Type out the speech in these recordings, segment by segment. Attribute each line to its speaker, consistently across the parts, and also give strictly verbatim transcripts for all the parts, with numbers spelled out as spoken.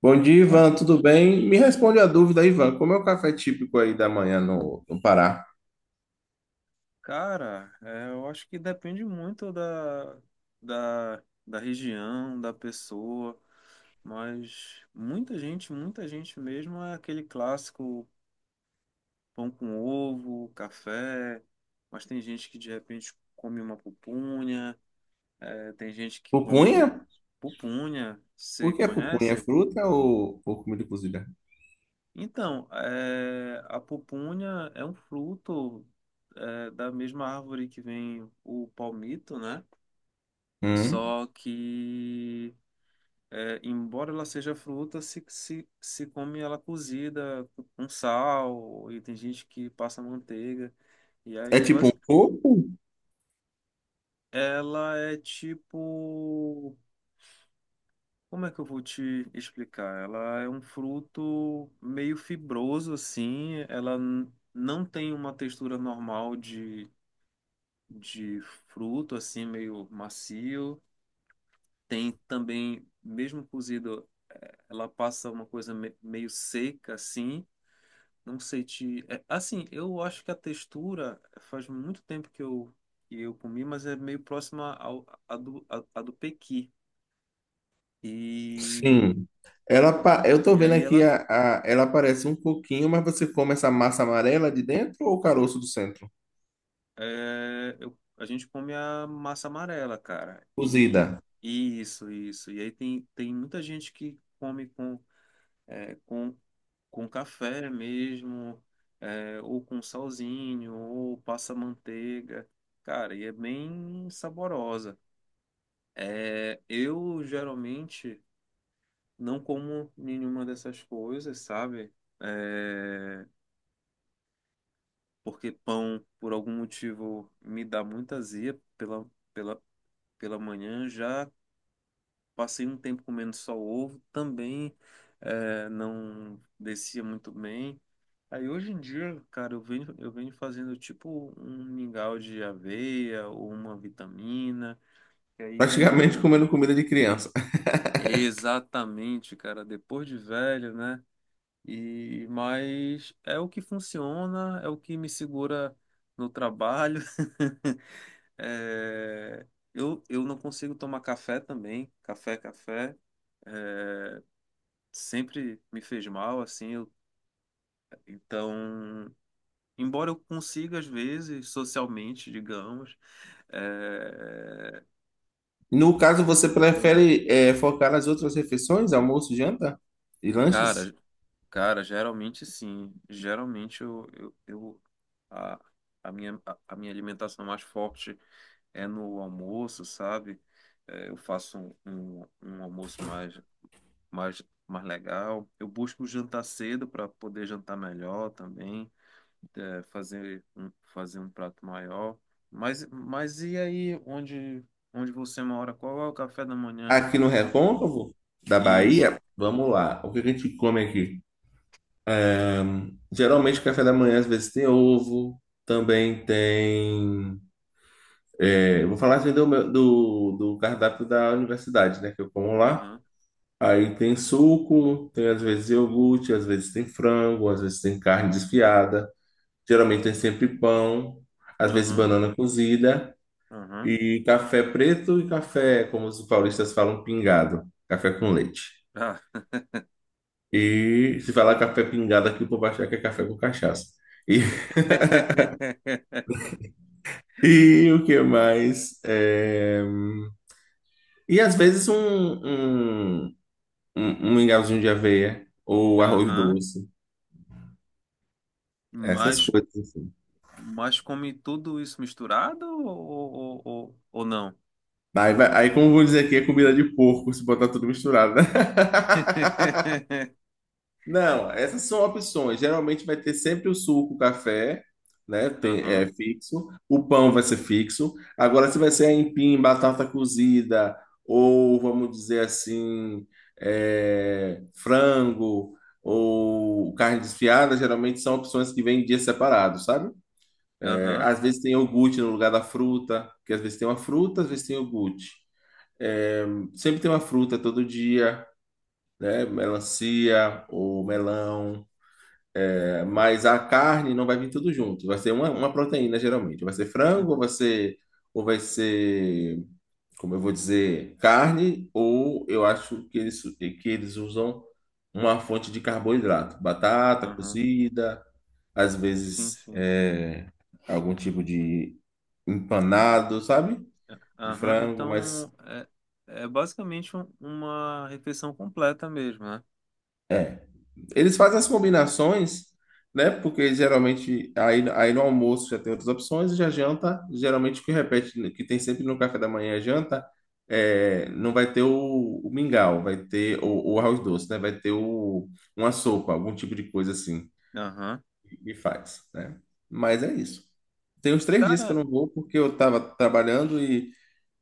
Speaker 1: Bom dia,
Speaker 2: Ah,
Speaker 1: Ivan, tudo bem? Me responde a dúvida, Ivan, como é o café típico aí da manhã no, no Pará?
Speaker 2: cara, é, eu acho que depende muito da, da, da região, da pessoa, mas muita gente, muita gente mesmo é aquele clássico pão com ovo, café, mas tem gente que de repente come uma pupunha, é, tem gente que
Speaker 1: Pupunha?
Speaker 2: come pupunha,
Speaker 1: O
Speaker 2: você
Speaker 1: que é pupunha? É
Speaker 2: conhece?
Speaker 1: fruta ou, ou comida cozida?
Speaker 2: Então, é, a pupunha é um fruto, é da mesma árvore que vem o palmito, né?
Speaker 1: Hum?
Speaker 2: Só que, é, embora ela seja fruta, se, se, se come ela cozida com sal, e tem gente que passa manteiga. E
Speaker 1: É
Speaker 2: aí,
Speaker 1: tipo um
Speaker 2: basic-
Speaker 1: coco?
Speaker 2: ela é tipo. Como é que eu vou te explicar? Ela é um fruto meio fibroso, assim. Ela n- não tem uma textura normal de, de fruto, assim, meio macio. Tem também, mesmo cozido. Ela passa uma coisa me- meio seca, assim. Não sei te. É, assim, eu acho que a textura faz muito tempo que eu, que eu comi, mas é meio próxima ao, a do, a, a do pequi. E,
Speaker 1: Sim. Ela, pa- eu tô
Speaker 2: e
Speaker 1: vendo
Speaker 2: aí
Speaker 1: aqui,
Speaker 2: ela.
Speaker 1: a, a- ela parece um coquinho, mas você come essa massa amarela de dentro ou o caroço do centro?
Speaker 2: É, eu- a gente come a massa amarela, cara. E
Speaker 1: Cozida.
Speaker 2: isso, isso. E aí tem, tem muita gente que come com. é, com, com café mesmo, é, ou com salzinho, ou passa manteiga. Cara, e é bem saborosa. É, eu geralmente não como nenhuma dessas coisas, sabe? É, porque pão, por algum motivo, me dá muita azia pela, pela, pela manhã. Já passei um tempo comendo só ovo, também é, não descia muito bem. Aí hoje em dia, cara, eu venho, eu venho fazendo tipo um mingau de aveia ou uma vitamina. E aí,
Speaker 1: Praticamente
Speaker 2: meu.
Speaker 1: comendo comida de criança.
Speaker 2: Exatamente, cara, depois de velho, né? E mas é o que funciona, é o que me segura no trabalho. É, Eu, eu não consigo tomar café também. Café, café sempre me fez mal, assim. eu- Então embora eu consiga, às vezes, socialmente, digamos, é,
Speaker 1: No caso, você
Speaker 2: eu-
Speaker 1: prefere eh, focar nas outras refeições, almoço, janta e
Speaker 2: cara,
Speaker 1: lanches?
Speaker 2: cara, geralmente sim. Geralmente eu, eu, eu- a, a minha, a, a minha alimentação mais forte é no almoço, sabe? É, eu faço um, um, um almoço mais, mais, mais legal. Eu busco jantar cedo para poder jantar melhor também. É, fazer um, fazer um prato maior. Mas, mas e aí, onde, onde você mora? Qual é o café da manhã?
Speaker 1: Aqui no
Speaker 2: Com- com-
Speaker 1: Recôncavo da
Speaker 2: Isso.
Speaker 1: Bahia, vamos lá. O que que a gente come aqui? Ahn, Geralmente, café da manhã, às vezes, tem ovo. Também tem. É, eu vou falar assim do, meu- do, do cardápio da universidade, né? Que eu como lá.
Speaker 2: Aham.
Speaker 1: Aí tem suco, tem às vezes iogurte, às vezes tem frango, às vezes tem carne desfiada. Geralmente tem sempre pão, às vezes
Speaker 2: Aham.
Speaker 1: banana cozida.
Speaker 2: Aham.
Speaker 1: E café preto e café, como os paulistas falam, pingado. Café com leite.
Speaker 2: Ah.
Speaker 1: E se falar café pingado aqui, o povo vai achar que é café com cachaça. E, e o que mais? É, E às vezes um, um, um, um mingauzinho de aveia ou arroz
Speaker 2: Aham.
Speaker 1: doce. Essas
Speaker 2: Mas,
Speaker 1: coisas assim.
Speaker 2: mas come tudo isso misturado ou, ou, ou, ou não?
Speaker 1: Aí, vai- aí como eu vou dizer aqui, é comida de porco, se botar tudo misturado, né? Não, essas são opções. Geralmente vai ter sempre o suco, o café, né? Tem, é
Speaker 2: Aham.
Speaker 1: fixo. O pão vai ser fixo. Agora, se vai ser aipim, batata cozida, ou vamos dizer assim, é, frango, ou carne desfiada, geralmente são opções que vêm em dias separados, sabe? É,
Speaker 2: Aham.
Speaker 1: às vezes tem iogurte no lugar da fruta, porque às vezes tem uma fruta, às vezes tem iogurte. É, sempre tem uma fruta todo dia, né? Melancia ou melão. Mas a carne não vai vir tudo junto. Vai ser uma, uma proteína, geralmente. Vai ser
Speaker 2: Hum,
Speaker 1: frango, ou vai ser, ou vai ser, como eu vou dizer, carne, ou eu acho que eles, que eles usam uma fonte de carboidrato. Batata
Speaker 2: aham.
Speaker 1: cozida, às
Speaker 2: Sim,
Speaker 1: vezes
Speaker 2: sim.
Speaker 1: é, algum tipo de empanado, sabe? De
Speaker 2: Aham,
Speaker 1: frango, mas
Speaker 2: então é, é basicamente um- uma refeição completa mesmo, né?
Speaker 1: é. Eles fazem as combinações, né? Porque geralmente aí, aí no almoço já tem outras opções, e já janta, geralmente o que repete, que tem sempre no café da manhã é janta, é, não vai ter o, o mingau, vai ter o, o arroz doce, né? Vai ter o, uma sopa, algum tipo de coisa assim
Speaker 2: Aham.
Speaker 1: que faz, né? Mas é isso. Tem uns três dias que eu
Speaker 2: Cara,
Speaker 1: não vou porque eu estava trabalhando e,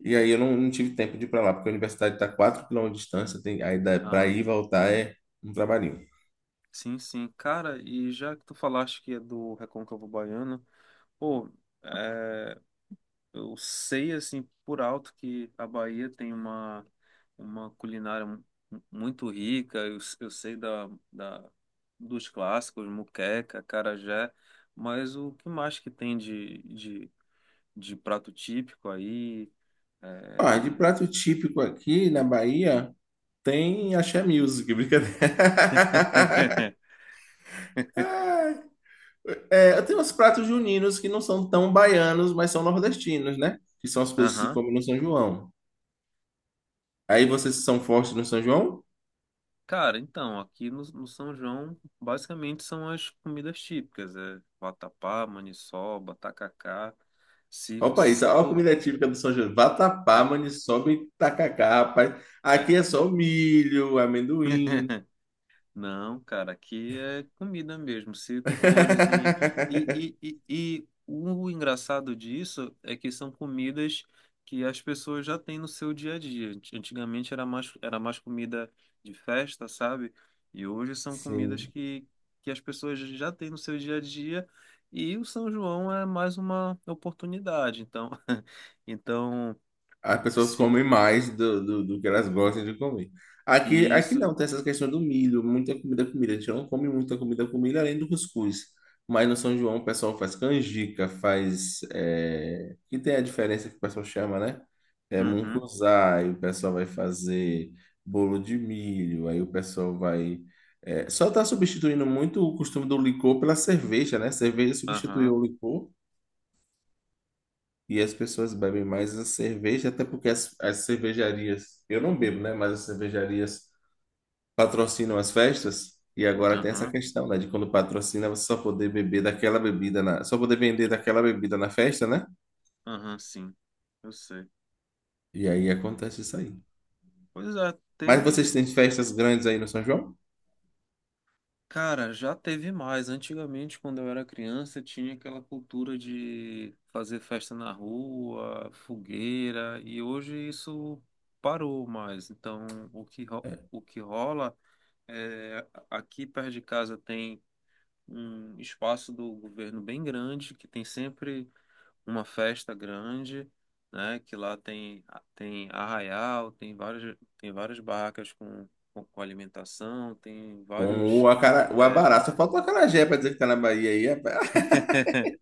Speaker 1: e aí eu não, não tive tempo de ir para lá, porque a universidade está a quatro quilômetros de distância, tem, aí para ir
Speaker 2: aham.
Speaker 1: e voltar é um trabalhinho.
Speaker 2: Sim, sim. Cara, e já que tu falaste que é do Recôncavo Baiano, pô, é, eu sei assim por alto que a Bahia tem uma, uma culinária mu- muito rica, eu, eu sei da, da, dos clássicos, muqueca, acarajé, mas o que mais que tem de, de, de prato típico aí? É,
Speaker 1: Ah, de
Speaker 2: o...
Speaker 1: prato típico aqui na Bahia tem axé music, brincadeira. Ai, É, tem uns pratos juninos que não são tão baianos, mas são nordestinos, né? Que são as coisas que se
Speaker 2: Aham.
Speaker 1: comem no São João. Aí vocês são fortes no São João?
Speaker 2: Cara, então, aqui no, no São João, basicamente são as comidas típicas, é vatapá, maniçoba, tacacá, se,
Speaker 1: Olha o país,
Speaker 2: se
Speaker 1: olha a
Speaker 2: for...
Speaker 1: comida típica do São João.
Speaker 2: É,
Speaker 1: Vatapá, maniçoba e tacacá, rapaz. Aqui
Speaker 2: é.
Speaker 1: é só milho, amendoim.
Speaker 2: Não, cara, aqui é comida mesmo. Se tu fores em. E, e, e, e o engraçado disso é que são comidas que as pessoas já têm no seu dia a dia. Ant- Antigamente era mais, era mais comida de festa, sabe? E hoje são comidas
Speaker 1: Sim.
Speaker 2: que, que as pessoas já têm no seu dia a dia. E o São João é mais uma oportunidade. Então, então
Speaker 1: As pessoas
Speaker 2: se
Speaker 1: comem mais do, do, do que elas gostam de comer. Aqui, aqui
Speaker 2: isso.
Speaker 1: não, tem essa questão do milho, muita comida, comida. A gente não come muita comida, comida, além do cuscuz. Mas no São João o pessoal faz canjica, faz. É... Que tem a diferença que o pessoal chama, né? É
Speaker 2: Uhum,
Speaker 1: mungunzá, e o pessoal vai fazer bolo de milho, aí o pessoal vai. é, Só está substituindo muito o costume do licor pela cerveja, né? Cerveja
Speaker 2: aham,
Speaker 1: substituiu o licor. E as pessoas bebem mais a cerveja, até porque as, as cervejarias, eu não bebo, né? Mas as cervejarias patrocinam as festas. E agora tem essa
Speaker 2: aham,
Speaker 1: questão, né? De quando patrocina, você só poder beber daquela bebida na, só poder vender daquela bebida na festa, né?
Speaker 2: aham, sim. Eu sei.
Speaker 1: E aí acontece isso aí.
Speaker 2: Pois é,
Speaker 1: Mas vocês
Speaker 2: teve.
Speaker 1: têm festas grandes aí no São João?
Speaker 2: Cara, já teve mais. Antigamente, quando eu era criança, tinha aquela cultura de fazer festa na rua, fogueira, e hoje isso parou mais. Então, o que, ro- o que rola é. Aqui perto de casa tem um espaço do governo bem grande, que tem sempre uma festa grande, né? Que lá tem, tem arraial, tem várias, tem várias barracas com, com, com alimentação, tem
Speaker 1: Com o,
Speaker 2: vários.
Speaker 1: acara... o
Speaker 2: É,
Speaker 1: abará. Só falta o acarajé pra dizer que tá na Bahia aí. Rapaz.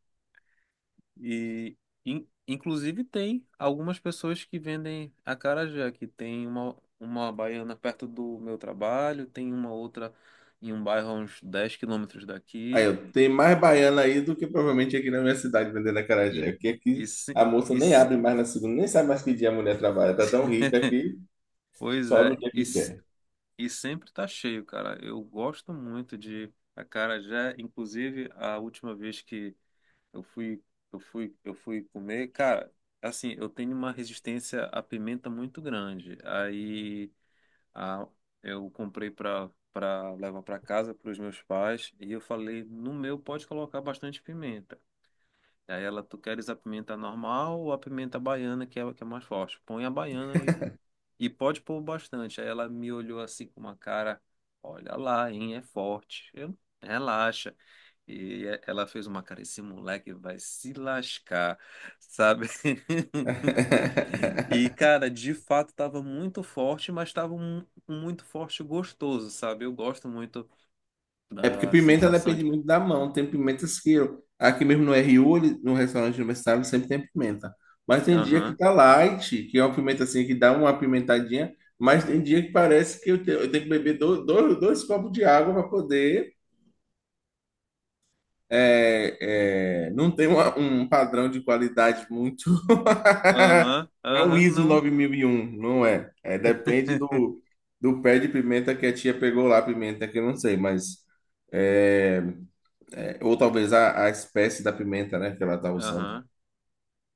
Speaker 2: e in- inclusive tem algumas pessoas que vendem acarajé, que tem uma, uma baiana perto do meu trabalho, tem uma outra em um bairro a uns dez quilômetros
Speaker 1: Aí,
Speaker 2: daqui.
Speaker 1: eu tenho mais baiana aí do que provavelmente aqui na minha cidade vendendo
Speaker 2: E,
Speaker 1: acarajé. Porque
Speaker 2: e,
Speaker 1: aqui
Speaker 2: se-
Speaker 1: a moça
Speaker 2: e,
Speaker 1: nem
Speaker 2: se-
Speaker 1: abre mais na segunda, nem sabe mais que dia a mulher trabalha. Tá tão rica que
Speaker 2: pois
Speaker 1: sobe
Speaker 2: é,
Speaker 1: o dia
Speaker 2: e,
Speaker 1: que quer.
Speaker 2: E sempre tá cheio, cara. Eu gosto muito de acarajé. Inclusive, a última vez que eu fui, eu fui, eu fui comer, cara, assim, eu tenho uma resistência à pimenta muito grande. Aí a, eu comprei pra, pra levar pra casa pros meus pais e eu falei, no meu pode colocar bastante pimenta. Aí ela, tu queres a pimenta normal ou a pimenta baiana, que é a que é mais forte? Põe a baiana e pode pôr bastante. Aí ela me olhou assim com uma cara, olha lá, hein, é forte. Eu, relaxa. E é, ela fez uma cara, esse moleque vai se lascar, sabe? E, cara, de fato tava muito forte, mas tava um, um muito forte e gostoso, sabe? Eu gosto muito
Speaker 1: É porque
Speaker 2: da
Speaker 1: pimenta
Speaker 2: sensação
Speaker 1: depende
Speaker 2: de
Speaker 1: muito da mão. Tem pimentas que eu- aqui mesmo no R U, ele- no restaurante universitário, sempre tem pimenta. Mas tem dia que
Speaker 2: aham,
Speaker 1: tá light, que é uma pimenta assim que dá uma apimentadinha, mas tem dia que parece que eu te- eu tenho, que beber do- do- dois, copos de água para poder. é, é, não tem uma- um padrão de qualidade muito.
Speaker 2: aham,
Speaker 1: Não é o
Speaker 2: aham,
Speaker 1: ISO
Speaker 2: não,
Speaker 1: nove mil e um, não é. É, depende do, do pé de pimenta que a tia pegou lá, pimenta que eu não sei, mas. é, é, ou talvez a, a espécie da pimenta, né, que ela tá usando.
Speaker 2: aham,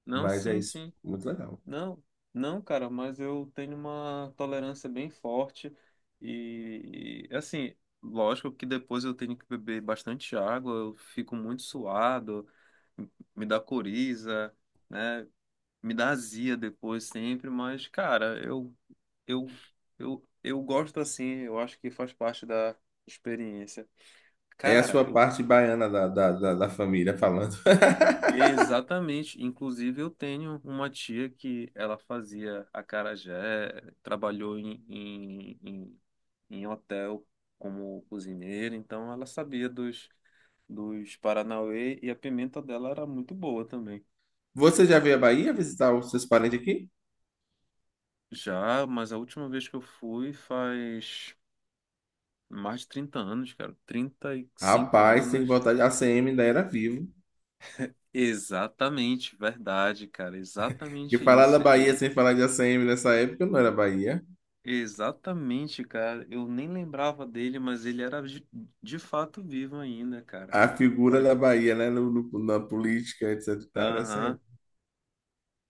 Speaker 2: não,
Speaker 1: Mas é
Speaker 2: sim,
Speaker 1: isso.
Speaker 2: sim.
Speaker 1: Muito legal.
Speaker 2: Não, não, cara, mas eu tenho uma tolerância bem forte e, e, assim, lógico que depois eu tenho que beber bastante água, eu fico muito suado, me dá coriza, né? Me dá azia depois sempre, mas cara, eu eu eu eu gosto assim, eu acho que faz parte da experiência.
Speaker 1: É a
Speaker 2: Cara,
Speaker 1: sua
Speaker 2: eu vou
Speaker 1: parte baiana da, da, da, da família falando.
Speaker 2: exatamente. Inclusive, eu tenho uma tia que ela fazia acarajé, trabalhou em, em, em, em hotel como cozinheira, então ela sabia dos, dos Paranauê e a pimenta dela era muito boa também.
Speaker 1: Você já veio à Bahia visitar os seus parentes aqui?
Speaker 2: Já, mas a última vez que eu fui faz mais de trinta anos, cara. trinta e cinco
Speaker 1: Rapaz, tem que
Speaker 2: anos.
Speaker 1: voltar de A C M, ainda era vivo.
Speaker 2: Exatamente, verdade, cara.
Speaker 1: E
Speaker 2: Exatamente
Speaker 1: falar da
Speaker 2: isso.
Speaker 1: Bahia
Speaker 2: Ele
Speaker 1: sem falar de a ACM nessa época não era Bahia.
Speaker 2: exatamente, cara. Eu nem lembrava dele, mas ele era de, de fato vivo ainda, cara.
Speaker 1: A figura
Speaker 2: Fa-
Speaker 1: da Bahia, né, no, no- na política, etcetera e tal, era
Speaker 2: Aham.
Speaker 1: A C M.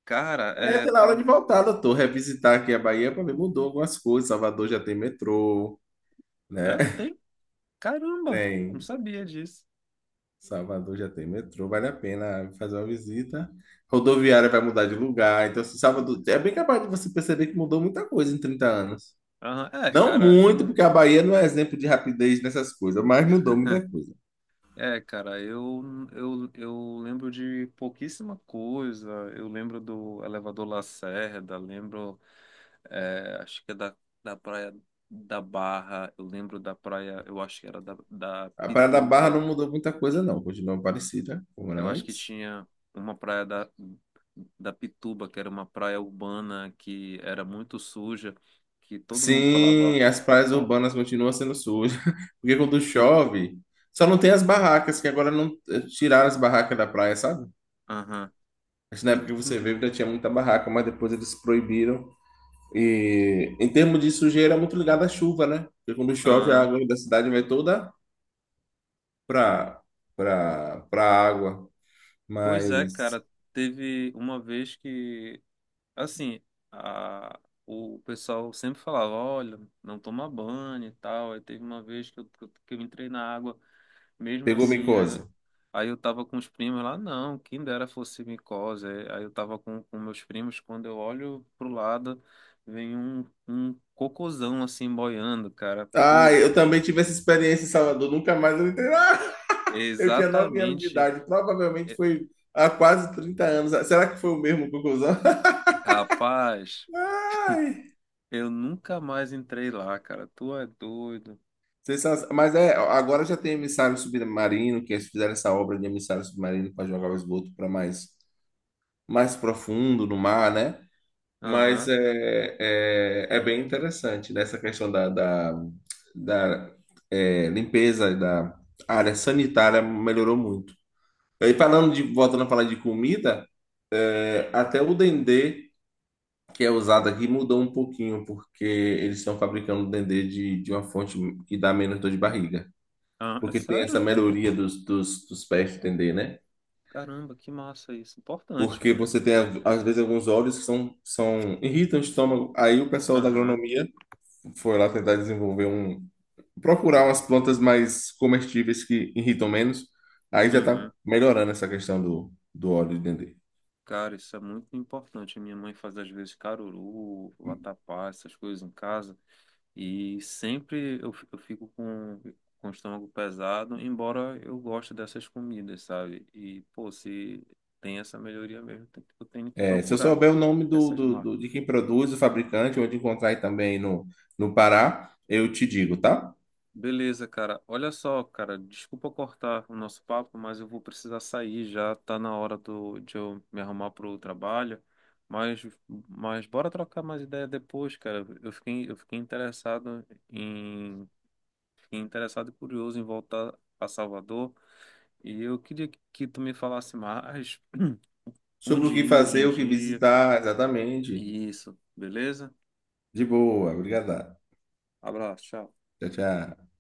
Speaker 2: Cara,
Speaker 1: É,
Speaker 2: é,
Speaker 1: tá na hora de
Speaker 2: tava.
Speaker 1: voltar, doutor. Revisitar aqui a Bahia para ver, mudou algumas coisas. Salvador já tem metrô, né?
Speaker 2: É, tem. Caramba, não
Speaker 1: Tem.
Speaker 2: sabia disso.
Speaker 1: Salvador já tem metrô, vale a pena fazer uma visita. Rodoviária vai mudar de lugar, então se Salvador é bem capaz de você perceber que mudou muita coisa em trinta anos.
Speaker 2: Aham. É,
Speaker 1: Não
Speaker 2: cara,
Speaker 1: muito,
Speaker 2: eu.
Speaker 1: porque a Bahia não é exemplo de rapidez nessas coisas, mas mudou muita coisa.
Speaker 2: É, cara, eu, eu, eu lembro de pouquíssima coisa. Eu lembro do Elevador Lacerda, lembro, é, acho que é da, da Praia da Barra, eu lembro da praia, eu acho que era da, da
Speaker 1: A Praia da Barra
Speaker 2: Pituba.
Speaker 1: não mudou muita coisa, não, continua parecida como era
Speaker 2: Eu acho que
Speaker 1: antes.
Speaker 2: tinha uma praia da, da Pituba, que era uma praia urbana que era muito suja, que todo mundo falava,
Speaker 1: Sim, as praias
Speaker 2: ó,
Speaker 1: urbanas continuam sendo sujas, porque quando
Speaker 2: que,
Speaker 1: chove, só não tem as barracas, que agora não eh, tiraram as barracas da praia, sabe?
Speaker 2: aham,
Speaker 1: Acho que na época
Speaker 2: ent-
Speaker 1: que você
Speaker 2: ent-
Speaker 1: veio ainda tinha muita barraca, mas depois eles proibiram. E em termos de sujeira, é muito ligado à chuva, né? Porque quando chove, a
Speaker 2: aham.
Speaker 1: água da cidade vai toda para para para água.
Speaker 2: Pois é,
Speaker 1: Mas
Speaker 2: cara, teve uma vez que, assim, a, o pessoal sempre falava, olha, não toma banho e tal, aí teve uma vez que eu, que eu que eu entrei na água, mesmo
Speaker 1: pegou
Speaker 2: assim, aí, eu-
Speaker 1: micose.
Speaker 2: aí eu tava com os primos lá, não, quem dera fosse micose. Aí aí eu tava com, com meus primos, quando eu olho pro lado, vem um, um cocôzão assim boiando, cara.
Speaker 1: Ah,
Speaker 2: Pô,
Speaker 1: eu também tive essa experiência em Salvador, nunca mais eu entrei. Ah, eu tinha nove anos de
Speaker 2: exatamente.
Speaker 1: idade, provavelmente
Speaker 2: É-
Speaker 1: foi há quase trinta anos. Será que foi o mesmo conclusão?
Speaker 2: Rapaz, eu nunca mais entrei lá, cara. Tu é doido.
Speaker 1: Vocês são- Mas é, agora já tem emissário submarino, que eles fizeram essa obra de emissário submarino para jogar o esgoto para mais, mais, profundo no mar, né? Mas
Speaker 2: Aham.
Speaker 1: é, é, é bem interessante nessa questão da, da, da é, limpeza, da área sanitária melhorou muito. E falando de, voltando a falar de comida, é, até o dendê que é usado aqui mudou um pouquinho, porque eles estão fabricando dendê de, de uma fonte que dá menos dor de barriga.
Speaker 2: Ah, é
Speaker 1: Porque tem essa
Speaker 2: sério?
Speaker 1: melhoria dos, dos, dos pés de dendê, né?
Speaker 2: Caramba, que massa isso. Importante,
Speaker 1: Porque
Speaker 2: viu?
Speaker 1: você tem, às vezes, alguns óleos que são, são, irritam o estômago. Aí o pessoal da
Speaker 2: Aham.
Speaker 1: agronomia foi lá tentar desenvolver um, procurar umas plantas mais comestíveis que irritam menos. Aí já tá
Speaker 2: Uhum.
Speaker 1: melhorando essa questão do, do óleo de dendê.
Speaker 2: Cara, isso é muito importante. A minha mãe faz às vezes caruru, vatapá, essas coisas em casa. E sempre eu, fi- eu fico com, com o estômago pesado, embora eu goste dessas comidas, sabe? E, pô, se tem essa melhoria mesmo, tem- eu tenho que
Speaker 1: É, se eu
Speaker 2: procurar
Speaker 1: souber o nome do,
Speaker 2: essas
Speaker 1: do- do-
Speaker 2: marcas.
Speaker 1: de quem produz, o fabricante, onde encontrar aí também no, no Pará, eu te digo, tá?
Speaker 2: Beleza, cara. Olha só, cara, desculpa cortar o nosso papo, mas eu vou precisar sair já, tá na hora do, de eu me arrumar pro trabalho. Mas, mas bora trocar mais ideia depois, cara. Eu fiquei, eu fiquei interessado em, fiquei interessado e curioso em voltar a Salvador. E eu queria que que tu me falasse mais
Speaker 1: Sobre o
Speaker 2: onde
Speaker 1: que
Speaker 2: ir hoje
Speaker 1: fazer,
Speaker 2: em
Speaker 1: o que
Speaker 2: dia.
Speaker 1: visitar, exatamente.
Speaker 2: Isso, beleza?
Speaker 1: De boa, obrigado.
Speaker 2: Abraço, tchau.
Speaker 1: Tchau, tchau.